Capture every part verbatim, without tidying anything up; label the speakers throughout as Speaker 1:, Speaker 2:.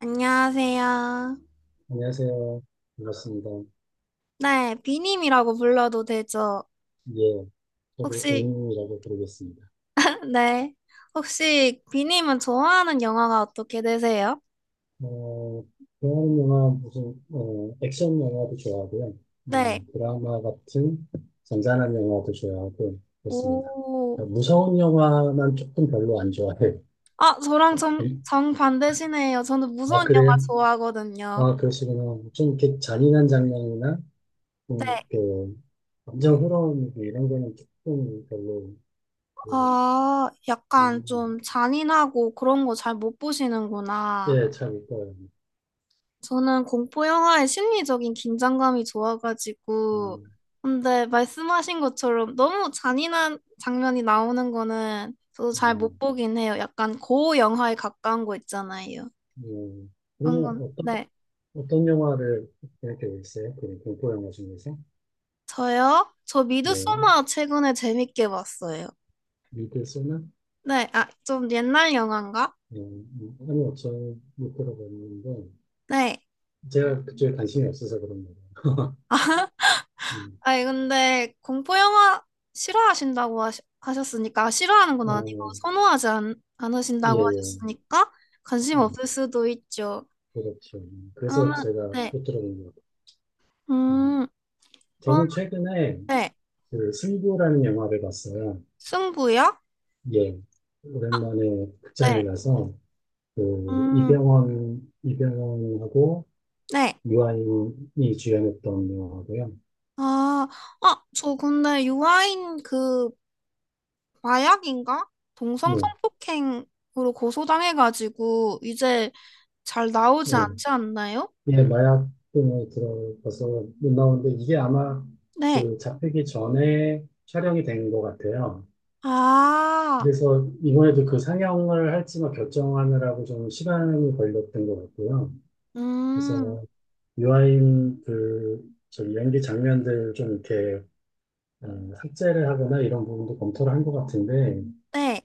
Speaker 1: 안녕하세요.
Speaker 2: 안녕하세요. 반갑습니다.
Speaker 1: 네, 비님이라고 불러도 되죠?
Speaker 2: 예, 저도
Speaker 1: 혹시,
Speaker 2: 개인이라고 부르겠습니다.
Speaker 1: 네. 혹시 비님은 좋아하는 영화가 어떻게 되세요?
Speaker 2: 어, 좋아하는 영화 무슨 어, 액션 영화도 좋아하고요.
Speaker 1: 네.
Speaker 2: 음, 드라마 같은 잔잔한 영화도 좋아하고 그렇습니다.
Speaker 1: 오.
Speaker 2: 어, 무서운 영화만 조금 별로 안 좋아해요.
Speaker 1: 아, 저랑 정,
Speaker 2: 에?
Speaker 1: 정반대시네요. 저는
Speaker 2: 아,
Speaker 1: 무서운 영화
Speaker 2: 그래요?
Speaker 1: 좋아하거든요.
Speaker 2: 아, 그러시구나. 좀 이렇게 잔인한 장면이나
Speaker 1: 네.
Speaker 2: 좀 이렇게 감정 흐름 이런 거는 조금 별로. 뭐,
Speaker 1: 아, 약간
Speaker 2: 음,
Speaker 1: 좀 잔인하고 그런 거 잘 못 보시는구나.
Speaker 2: 예, 잘 있더라고요.
Speaker 1: 저는 공포 영화의 심리적인 긴장감이 좋아가지고,
Speaker 2: 그냥,
Speaker 1: 근데 말씀하신 것처럼 너무 잔인한 장면이 나오는 거는 저도 잘
Speaker 2: 예.
Speaker 1: 못 보긴 해요. 약간 고어 영화에 가까운 거 있잖아요.
Speaker 2: 음, 그리
Speaker 1: 그런 건,
Speaker 2: 어떤,
Speaker 1: 네.
Speaker 2: 어떤 영화를 이렇게 보셨어요? 그 공포 영화 중에서?
Speaker 1: 저요? 저
Speaker 2: 네,
Speaker 1: 미드소마 최근에 재밌게 봤어요.
Speaker 2: 미드소나?
Speaker 1: 네, 아, 좀 옛날 영화인가?
Speaker 2: 네, 음, 아니요, 저못 들어봤는데,
Speaker 1: 네.
Speaker 2: 제가 그쪽에 관심이 없어서 그런 거예요. 음,
Speaker 1: 아니, 근데 공포 영화 싫어하신다고 하시, 하셨으니까, 아, 싫어하는 건 아니고, 선호하지 않,
Speaker 2: 아, 예,
Speaker 1: 않으신다고
Speaker 2: 예,
Speaker 1: 하셨으니까, 관심
Speaker 2: 예,
Speaker 1: 없을 수도 있죠.
Speaker 2: 그렇죠. 그래서
Speaker 1: 그러면,
Speaker 2: 제가
Speaker 1: 네.
Speaker 2: 못 들어본 것 같아요. 음.
Speaker 1: 음, 그럼,
Speaker 2: 저는 최근에
Speaker 1: 네.
Speaker 2: 그 승부라는 영화를 봤어요.
Speaker 1: 승부요?
Speaker 2: 예, 오랜만에 극장에
Speaker 1: 네.
Speaker 2: 가서, 그,
Speaker 1: 음,
Speaker 2: 이병헌, 이병헌하고
Speaker 1: 네.
Speaker 2: 유아인이 주연했던 영화고요.
Speaker 1: 아, 아, 저 근데 유아인 그 마약인가?
Speaker 2: 네,
Speaker 1: 동성 성폭행으로 고소당해가지고, 이제 잘
Speaker 2: 네.
Speaker 1: 나오지 않지 않나요?
Speaker 2: 예, 마약 등을 들어가서 나오는데 이게 아마
Speaker 1: 네.
Speaker 2: 그 잡히기 전에 촬영이 된 것 같아요.
Speaker 1: 아,
Speaker 2: 그래서 이번에도 그 상영을 할지만 결정하느라고 좀 시간이 걸렸던 것 같고요.
Speaker 1: 음,
Speaker 2: 그래서 유아인 그 저기 연기 장면들 좀 이렇게 어, 삭제를 하거나 이런 부분도 검토를 한 것 같은데
Speaker 1: 네.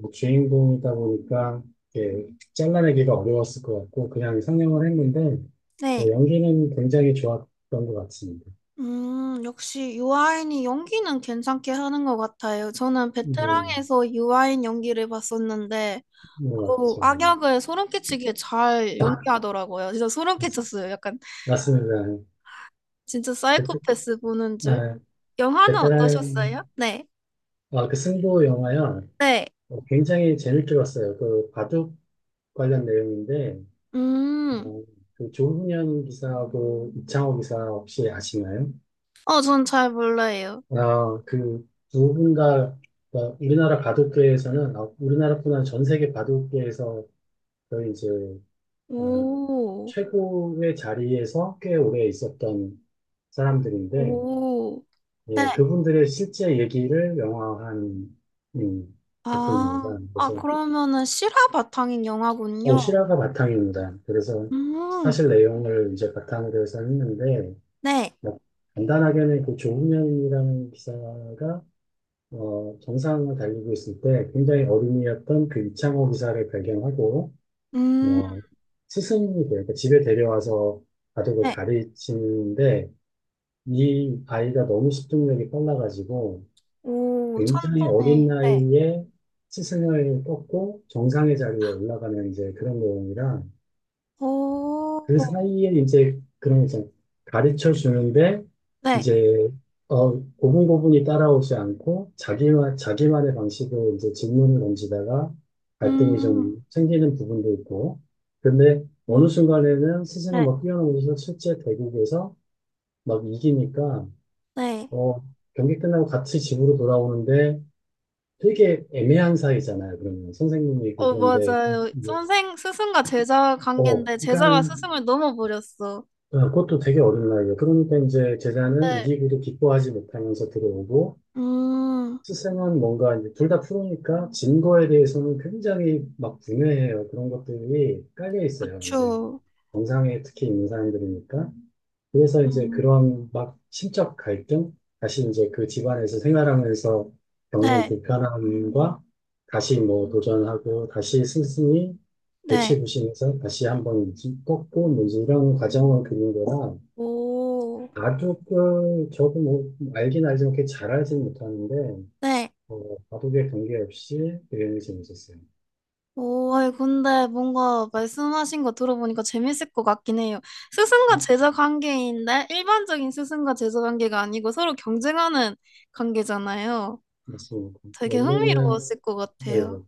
Speaker 2: 뭐 주인공이다 보니까 이렇게 잘라내기가 어려웠을 것 같고 그냥 상영을 했는데
Speaker 1: 네.
Speaker 2: 뭐 연기는 굉장히 좋았던 것 같습니다.
Speaker 1: 음, 역시 유아인이 연기는 괜찮게 하는 것 같아요. 저는
Speaker 2: 뭐,
Speaker 1: 베테랑에서 유아인 연기를 봤었는데,
Speaker 2: 뭐
Speaker 1: 어,
Speaker 2: 맞죠.
Speaker 1: 악역을 소름 끼치게 잘
Speaker 2: 아,
Speaker 1: 연기하더라고요. 진짜 소름
Speaker 2: 맞-
Speaker 1: 끼쳤어요. 약간
Speaker 2: 맞습니다.
Speaker 1: 진짜
Speaker 2: 베트,
Speaker 1: 사이코패스 보는 줄.
Speaker 2: 아,
Speaker 1: 영화는 어떠셨어요?
Speaker 2: 베테랑.
Speaker 1: 네.
Speaker 2: 아, 그 승부 영화요.
Speaker 1: 네.
Speaker 2: 어, 굉장히 재밌게 봤어요. 그 바둑 관련 내용인데
Speaker 1: 음,
Speaker 2: 어, 그 조훈현 기사하고 이창호 기사 혹시 아시나요?
Speaker 1: 어, 전 잘 몰라요.
Speaker 2: 아, 그 누군가 그러니까 우리나라 바둑계에서는 아, 우리나라뿐만 아니라 전 세계 바둑계에서 거의 이제 어,
Speaker 1: 오,
Speaker 2: 최고의 자리에서 꽤 오래 있었던 사람들인데,
Speaker 1: 오, 네.
Speaker 2: 예, 그분들의 실제 얘기를 영화화한, 음, 작품입니다.
Speaker 1: 아, 아,
Speaker 2: 그래서
Speaker 1: 그러면은 실화 바탕인
Speaker 2: 어,
Speaker 1: 영화군요.
Speaker 2: 실화가 바탕입니다. 그래서
Speaker 1: 음,
Speaker 2: 사실 내용을 이제 바탕으로 해서 했는데
Speaker 1: 네.
Speaker 2: 뭐, 간단하게는 그 조훈현이라는 기사가 어, 정상을 달리고 있을 때 굉장히 어린이였던 그 이창호 기사를 발견하고,
Speaker 1: 음,
Speaker 2: 어, 스승이 돼요. 그 집에 데려와서 바둑을
Speaker 1: 네.
Speaker 2: 가르치는데, 이 아이가 너무 집중력이 빨라가지고,
Speaker 1: 오,
Speaker 2: 굉장히
Speaker 1: 천재네.
Speaker 2: 어린
Speaker 1: 네.
Speaker 2: 나이에 스승을 꺾고 정상의 자리에 올라가는 이제 그런 내용이라, 그
Speaker 1: 오,
Speaker 2: 사이에 이제 그런 이제 가르쳐 주는데
Speaker 1: 네.
Speaker 2: 이제 어 고분고분이 따라오지 않고 자기만 자기만의 방식으로 이제 질문을 던지다가 갈등이
Speaker 1: 음,
Speaker 2: 좀 생기는 부분도 있고 근데
Speaker 1: 음,
Speaker 2: 어느 순간에는 스승은
Speaker 1: 네.
Speaker 2: 막 뛰어넘어서 실제 대국에서 막 이기니까
Speaker 1: 네.
Speaker 2: 어 경기 끝나고 같이 집으로 돌아오는데 되게 애매한 사이잖아요. 그러면 선생님이 있고
Speaker 1: 어,
Speaker 2: 그런데
Speaker 1: 맞아요. 선생, 스승과 제자
Speaker 2: 어
Speaker 1: 관계인데,
Speaker 2: 그러니까
Speaker 1: 제자가 스승을 넘어버렸어.
Speaker 2: 네, 그것도 되게 어린 나이에. 그러니까 이제 제자는
Speaker 1: 네.
Speaker 2: 이기고도 기뻐하지 못하면서 들어오고,
Speaker 1: 음,
Speaker 2: 스승은 뭔가 이제 둘 다 프로니까 진 거에 대해서는 굉장히 막 분해해요. 그런 것들이 깔려 있어요. 이제
Speaker 1: 그쵸.
Speaker 2: 정상에 특히 있는 사람들이니까. 그래서 이제
Speaker 1: 음.
Speaker 2: 그런 막 심적 갈등, 다시 이제 그 집안에서 생활하면서 겪는
Speaker 1: 네.
Speaker 2: 불편함과 다시 뭐 도전하고 다시 스승이
Speaker 1: 네.
Speaker 2: 골치 부시면서 다시 한번 꺾고 뭐 이제 이런 과정을 그린 거라
Speaker 1: 오,
Speaker 2: 바둑을 저도 뭐 알긴 알지만 그렇게 잘 알지는 못하는데
Speaker 1: 네.
Speaker 2: 어, 바둑에 관계없이 그림이 재밌었어요.
Speaker 1: 오, 아니, 근데 뭔가 말씀하신 거 들어보니까 재밌을 것 같긴 해요. 스승과
Speaker 2: 음,
Speaker 1: 제자 관계인데, 일반적인 스승과 제자 관계가 아니고 서로 경쟁하는 관계잖아요.
Speaker 2: 맞습니다.
Speaker 1: 되게
Speaker 2: 원래는
Speaker 1: 흥미로웠을 것 같아요.
Speaker 2: 뭐예요?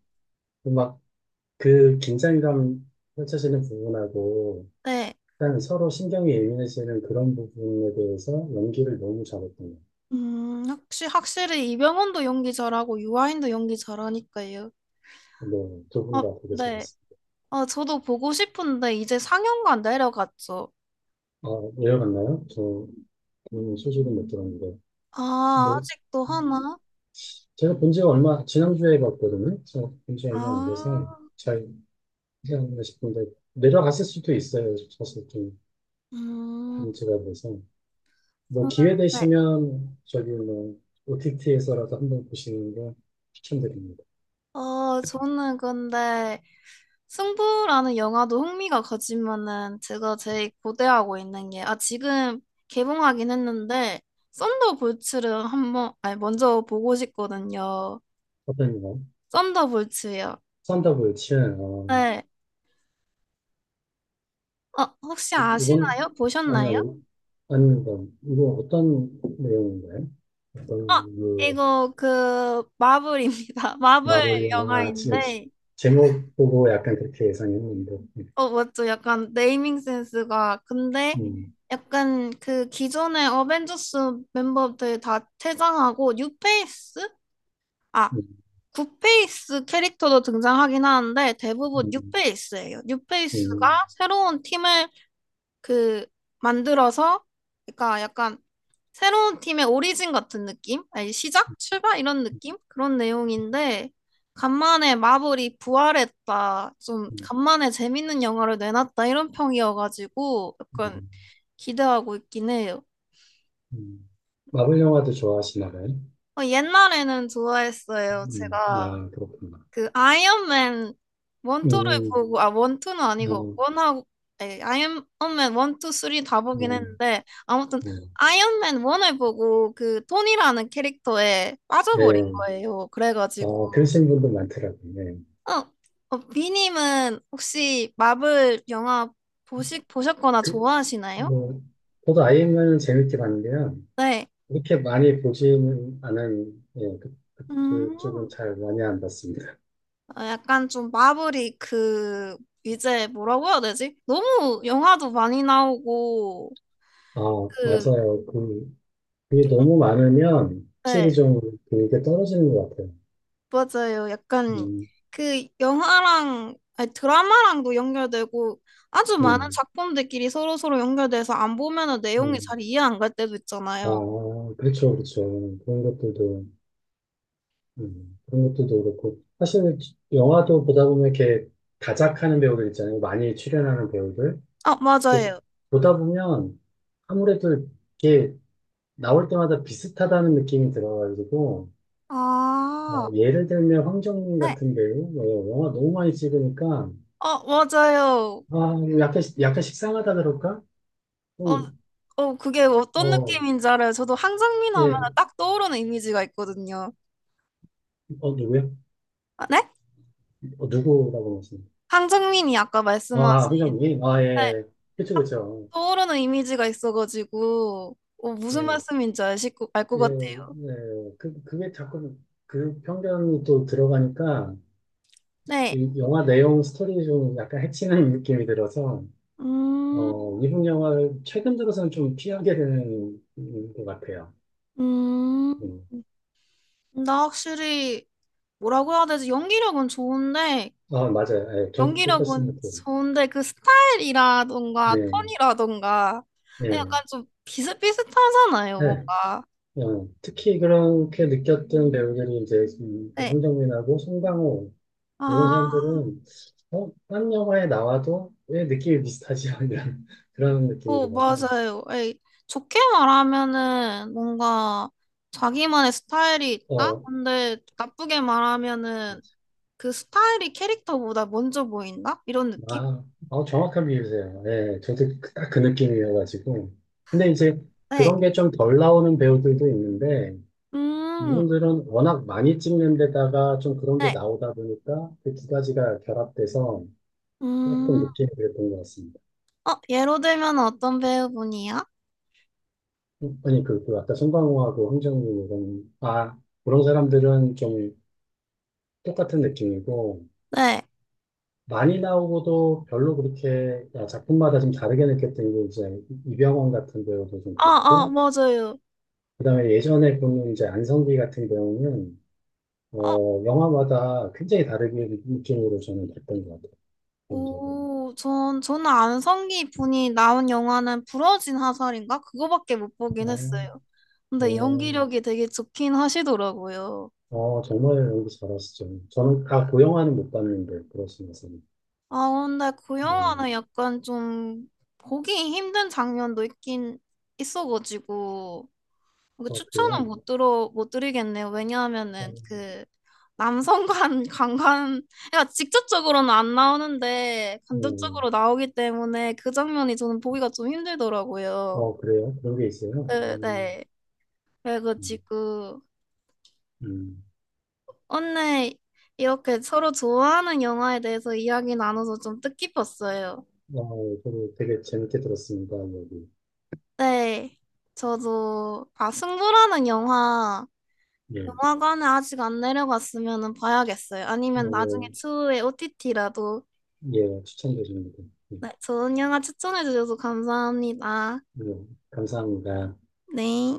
Speaker 2: 막 그 긴장감 펼쳐지는 부분하고
Speaker 1: 네.
Speaker 2: 일단 서로 신경이 예민해지는 그런 부분에 대해서 연기를 너무 잘했던 거.
Speaker 1: 음, 혹시 확실히 이병헌도 연기 잘하고 유아인도 연기 잘하니까요.
Speaker 2: 네, 두분
Speaker 1: 어,
Speaker 2: 다 되게
Speaker 1: 네.
Speaker 2: 잘했어요.
Speaker 1: 아 저도 보고 싶은데 이제 상영관 내려갔죠.
Speaker 2: 아, 내려갔나요 저 음, 소식은 못 들었는데
Speaker 1: 아,
Speaker 2: 뭐
Speaker 1: 아직도 하나?
Speaker 2: 제가 본 지가 얼마 지난주에 봤거든요. 그래서 굉장히 안
Speaker 1: 아,
Speaker 2: 돼서. 잘 생각나 싶은데 내려갔을 수도 있어요. 사실 좀
Speaker 1: 음,
Speaker 2: 문제가 돼서 뭐
Speaker 1: 저는,
Speaker 2: 기회
Speaker 1: 네.
Speaker 2: 되시면 저기 뭐 오티티에서라도 한번 보시는 거 추천드립니다.
Speaker 1: 어, 저는 근데 승부라는 영화도 흥미가 가지만은 제가 제일 고대하고 있는 게, 아, 지금 개봉하긴 했는데, 썬더볼츠를 한번, 아니, 먼저 보고 싶거든요.
Speaker 2: 어떤 거?
Speaker 1: 썬더볼츠요.
Speaker 2: 산다고요, 치아. 어,
Speaker 1: 네. 어, 혹시
Speaker 2: 이건
Speaker 1: 아시나요?
Speaker 2: 아니
Speaker 1: 보셨나요?
Speaker 2: 아니 아닙니다. 이거 어떤 내용인가요? 어떤
Speaker 1: 아,
Speaker 2: 그
Speaker 1: 이거 그 마블입니다. 마블
Speaker 2: 마블 영화 지짜 지-
Speaker 1: 영화인데,
Speaker 2: 제목 보고 약간 그렇게 예상했는데
Speaker 1: 어, 맞죠? 약간 네이밍 센스가. 근데
Speaker 2: 음,
Speaker 1: 약간 그 기존의 어벤져스 멤버들 다 퇴장하고, 뉴페이스? 아
Speaker 2: 음,
Speaker 1: 굿페이스 캐릭터도 등장하긴 하는데 대부분 뉴
Speaker 2: 음,
Speaker 1: 페이스예요 뉴페이스가
Speaker 2: 음,
Speaker 1: 새로운 팀을 그 만들어서 그러니까 약간 새로운 팀의 오리진 같은 느낌? 아니, 시작? 출발? 이런 느낌? 그런 내용인데 간만에 마블이 부활했다. 좀
Speaker 2: 음,
Speaker 1: 간만에 재밌는 영화를 내놨다. 이런 평이어가지고 약간
Speaker 2: 음.
Speaker 1: 기대하고 있긴 해요.
Speaker 2: 음. 마블 영화도 좋아하시나 봐요?
Speaker 1: 어, 옛날에는 좋아했어요.
Speaker 2: 음,
Speaker 1: 제가
Speaker 2: 아, 그렇구나.
Speaker 1: 그 아이언맨 원투를
Speaker 2: 음,
Speaker 1: 보고 아 원투는 아니고
Speaker 2: 뭐,
Speaker 1: 원하고 에, 아이언맨 원투 쓰리 다 보긴
Speaker 2: 뭐,
Speaker 1: 했는데 아무튼
Speaker 2: 뭐,
Speaker 1: 아이언맨 원을 보고 그 톤이라는 캐릭터에 빠져버린
Speaker 2: 예,
Speaker 1: 거예요. 그래가지고
Speaker 2: 어, 그러신 분들 많더라고요. 예.
Speaker 1: 어, 어 비님은 혹시 마블 영화 보시 보셨거나 좋아하시나요?
Speaker 2: 뭐, 저도 아이엠을 재밌게 봤는데요.
Speaker 1: 네.
Speaker 2: 이렇게 많이 보지는 않은, 예, 그,
Speaker 1: 음,
Speaker 2: 그쪽은 잘 많이 안 봤습니다.
Speaker 1: 어, 약간 좀 마블이 그 이제 뭐라고 해야 되지? 너무 영화도 많이 나오고
Speaker 2: 아,
Speaker 1: 그
Speaker 2: 맞아요. 그, 그게 너무 많으면 확실히
Speaker 1: 네.
Speaker 2: 좀 그게 떨어지는 것 같아요.
Speaker 1: 맞아요. 약간
Speaker 2: 음,
Speaker 1: 그 영화랑 아니, 드라마랑도 연결되고 아주 많은
Speaker 2: 음,
Speaker 1: 작품들끼리 서로서로 연결돼서 안 보면은 내용이
Speaker 2: 음.
Speaker 1: 잘 이해 안 갈 때도
Speaker 2: 아,
Speaker 1: 있잖아요.
Speaker 2: 그렇죠, 그렇죠. 그런 것들도. 음, 그런 것도 더 그렇고. 사실 영화도 보다 보면 이렇게 다작하는 배우들 있잖아요. 많이 출연하는 배우들.
Speaker 1: 아,
Speaker 2: 또
Speaker 1: 맞아요.
Speaker 2: 보다 보면 아무래도 이게 나올 때마다 비슷하다는 느낌이 들어가지고, 어,
Speaker 1: 아,
Speaker 2: 예를 들면 황정민
Speaker 1: 네.
Speaker 2: 같은 배우, 어, 영화 너무 많이 찍으니까,
Speaker 1: 어, 맞아요.
Speaker 2: 아, 뭐 약간, 약간 식상하다 그럴까?
Speaker 1: 어,
Speaker 2: 좀,
Speaker 1: 어, 그게 어떤
Speaker 2: 어,
Speaker 1: 느낌인지 알아요. 저도 황정민 하면
Speaker 2: 예,
Speaker 1: 딱 떠오르는 이미지가 있거든요.
Speaker 2: 어, 누구요?
Speaker 1: 아, 네?
Speaker 2: 어, 누구라고 말씀요.
Speaker 1: 황정민이 아까
Speaker 2: 아,
Speaker 1: 말씀하신
Speaker 2: 황정민? 아,
Speaker 1: 네,
Speaker 2: 예. 그쵸,
Speaker 1: 딱
Speaker 2: 그쵸.
Speaker 1: 떠오르는 이미지가 있어가지고 어, 무슨
Speaker 2: 예.
Speaker 1: 말씀인지 알실 거- 알것
Speaker 2: 예,
Speaker 1: 같아요.
Speaker 2: 예. 그, 그게 자꾸 그 편견이 또 들어가니까
Speaker 1: 네.
Speaker 2: 이 영화 내용 스토리 좀 약간 해치는 느낌이 들어서
Speaker 1: 음,
Speaker 2: 어, 미국 영화를 최근 들어서는 좀 피하게 되는 것 같아요.
Speaker 1: 음,
Speaker 2: 음.
Speaker 1: 나 확실히 뭐라고 해야 되지? 연기력은 좋은데,
Speaker 2: 아, 맞아요. 예, 저도 똑같은
Speaker 1: 연기력은
Speaker 2: 느낌.
Speaker 1: 좋은데 그 스타일이라던가
Speaker 2: 예,
Speaker 1: 톤이라던가
Speaker 2: 예,
Speaker 1: 약간 좀 비슷비슷하잖아요,
Speaker 2: 예.
Speaker 1: 뭔가.
Speaker 2: 어, 특히 그렇게 느꼈던 배우들이 이제 이
Speaker 1: 네.
Speaker 2: 황정민하고 송강호 이런
Speaker 1: 아,
Speaker 2: 사람들은 어, 딴 영화에 나와도 왜 느낌이 비슷하지? 이런 그런 느낌이
Speaker 1: 어,
Speaker 2: 들어서.
Speaker 1: 맞아요. 에이, 좋게 말하면은 뭔가 자기만의 스타일이 있다?
Speaker 2: 어,
Speaker 1: 근데 나쁘게 말하면은 그 스타일이 캐릭터보다 먼저 보인다? 이런 느낌?
Speaker 2: 아, 어, 정확한 비유세요. 예, 저도 딱 그 느낌이어가지고. 근데 이제
Speaker 1: 네.
Speaker 2: 그런 게 좀 덜 나오는 배우들도 있는데,
Speaker 1: 음,
Speaker 2: 이분들은 워낙 많이 찍는 데다가 좀 그런 게
Speaker 1: 네.
Speaker 2: 나오다 보니까 그 두 가지가 결합돼서 조금
Speaker 1: 음.
Speaker 2: 느낌이 그랬던 것 같습니다.
Speaker 1: 어, 예로 들면 어떤 배우분이요?
Speaker 2: 아니, 그, 그 아까 송강호하고 황정민 이런, 아, 그런 사람들은 좀 똑같은 느낌이고,
Speaker 1: 네.
Speaker 2: 많이 나오고도 별로 그렇게 야, 작품마다 좀 다르게 느꼈던 게 이제 이병헌 같은 배우도 좀
Speaker 1: 아, 아,
Speaker 2: 그렇고,
Speaker 1: 맞아요.
Speaker 2: 그다음에 예전에 보는 이제 안성기 같은 경우는
Speaker 1: 어,
Speaker 2: 어, 영화마다 굉장히 다르게 느낌으로 저는 봤던 것 같아요. 개인적으로.
Speaker 1: 오, 전, 저는 안성기 분이 나온 영화는 부러진 화살인가? 그거밖에 못 보긴
Speaker 2: 아,
Speaker 1: 했어요. 근데
Speaker 2: 어,
Speaker 1: 연기력이 되게 좋긴 하시더라고요.
Speaker 2: 어, 정말 연기 잘하시죠. 저는 다 고 영화는 못 봤는데 그러시면서.
Speaker 1: 아, 근데 그
Speaker 2: 음,
Speaker 1: 영화는 약간 좀 보기 힘든 장면도 있긴 있어가지고. 그
Speaker 2: 어, 그래요.
Speaker 1: 추천은 못 들어 못 드리겠네요.
Speaker 2: 어,
Speaker 1: 왜냐하면은 그 남성관 관관 그러니까 직접적으로는 안 나오는데
Speaker 2: 음,
Speaker 1: 간접적으로 나오기 때문에 그 장면이 저는 보기가 좀 힘들더라고요.
Speaker 2: 어, 그래요. 그런 게 있어요.
Speaker 1: 네,
Speaker 2: 음,
Speaker 1: 네.
Speaker 2: 음,
Speaker 1: 그래가지고
Speaker 2: 음.
Speaker 1: 오늘 이렇게 서로 좋아하는 영화에 대해서 이야기 나눠서 좀 뜻깊었어요.
Speaker 2: 어, 저도 되게 재밌게 들었습니다. 여기.
Speaker 1: 네. 저도 아 승부라는 영화
Speaker 2: 예.
Speaker 1: 영화관에 아직 안 내려갔으면은 봐야겠어요. 아니면 나중에
Speaker 2: 어,
Speaker 1: 추후에 오티티라도
Speaker 2: 예, 예, 추천드립니다. 예,
Speaker 1: 네, 좋은 영화 추천해 주셔서 감사합니다.
Speaker 2: 예, 감사합니다.
Speaker 1: 네.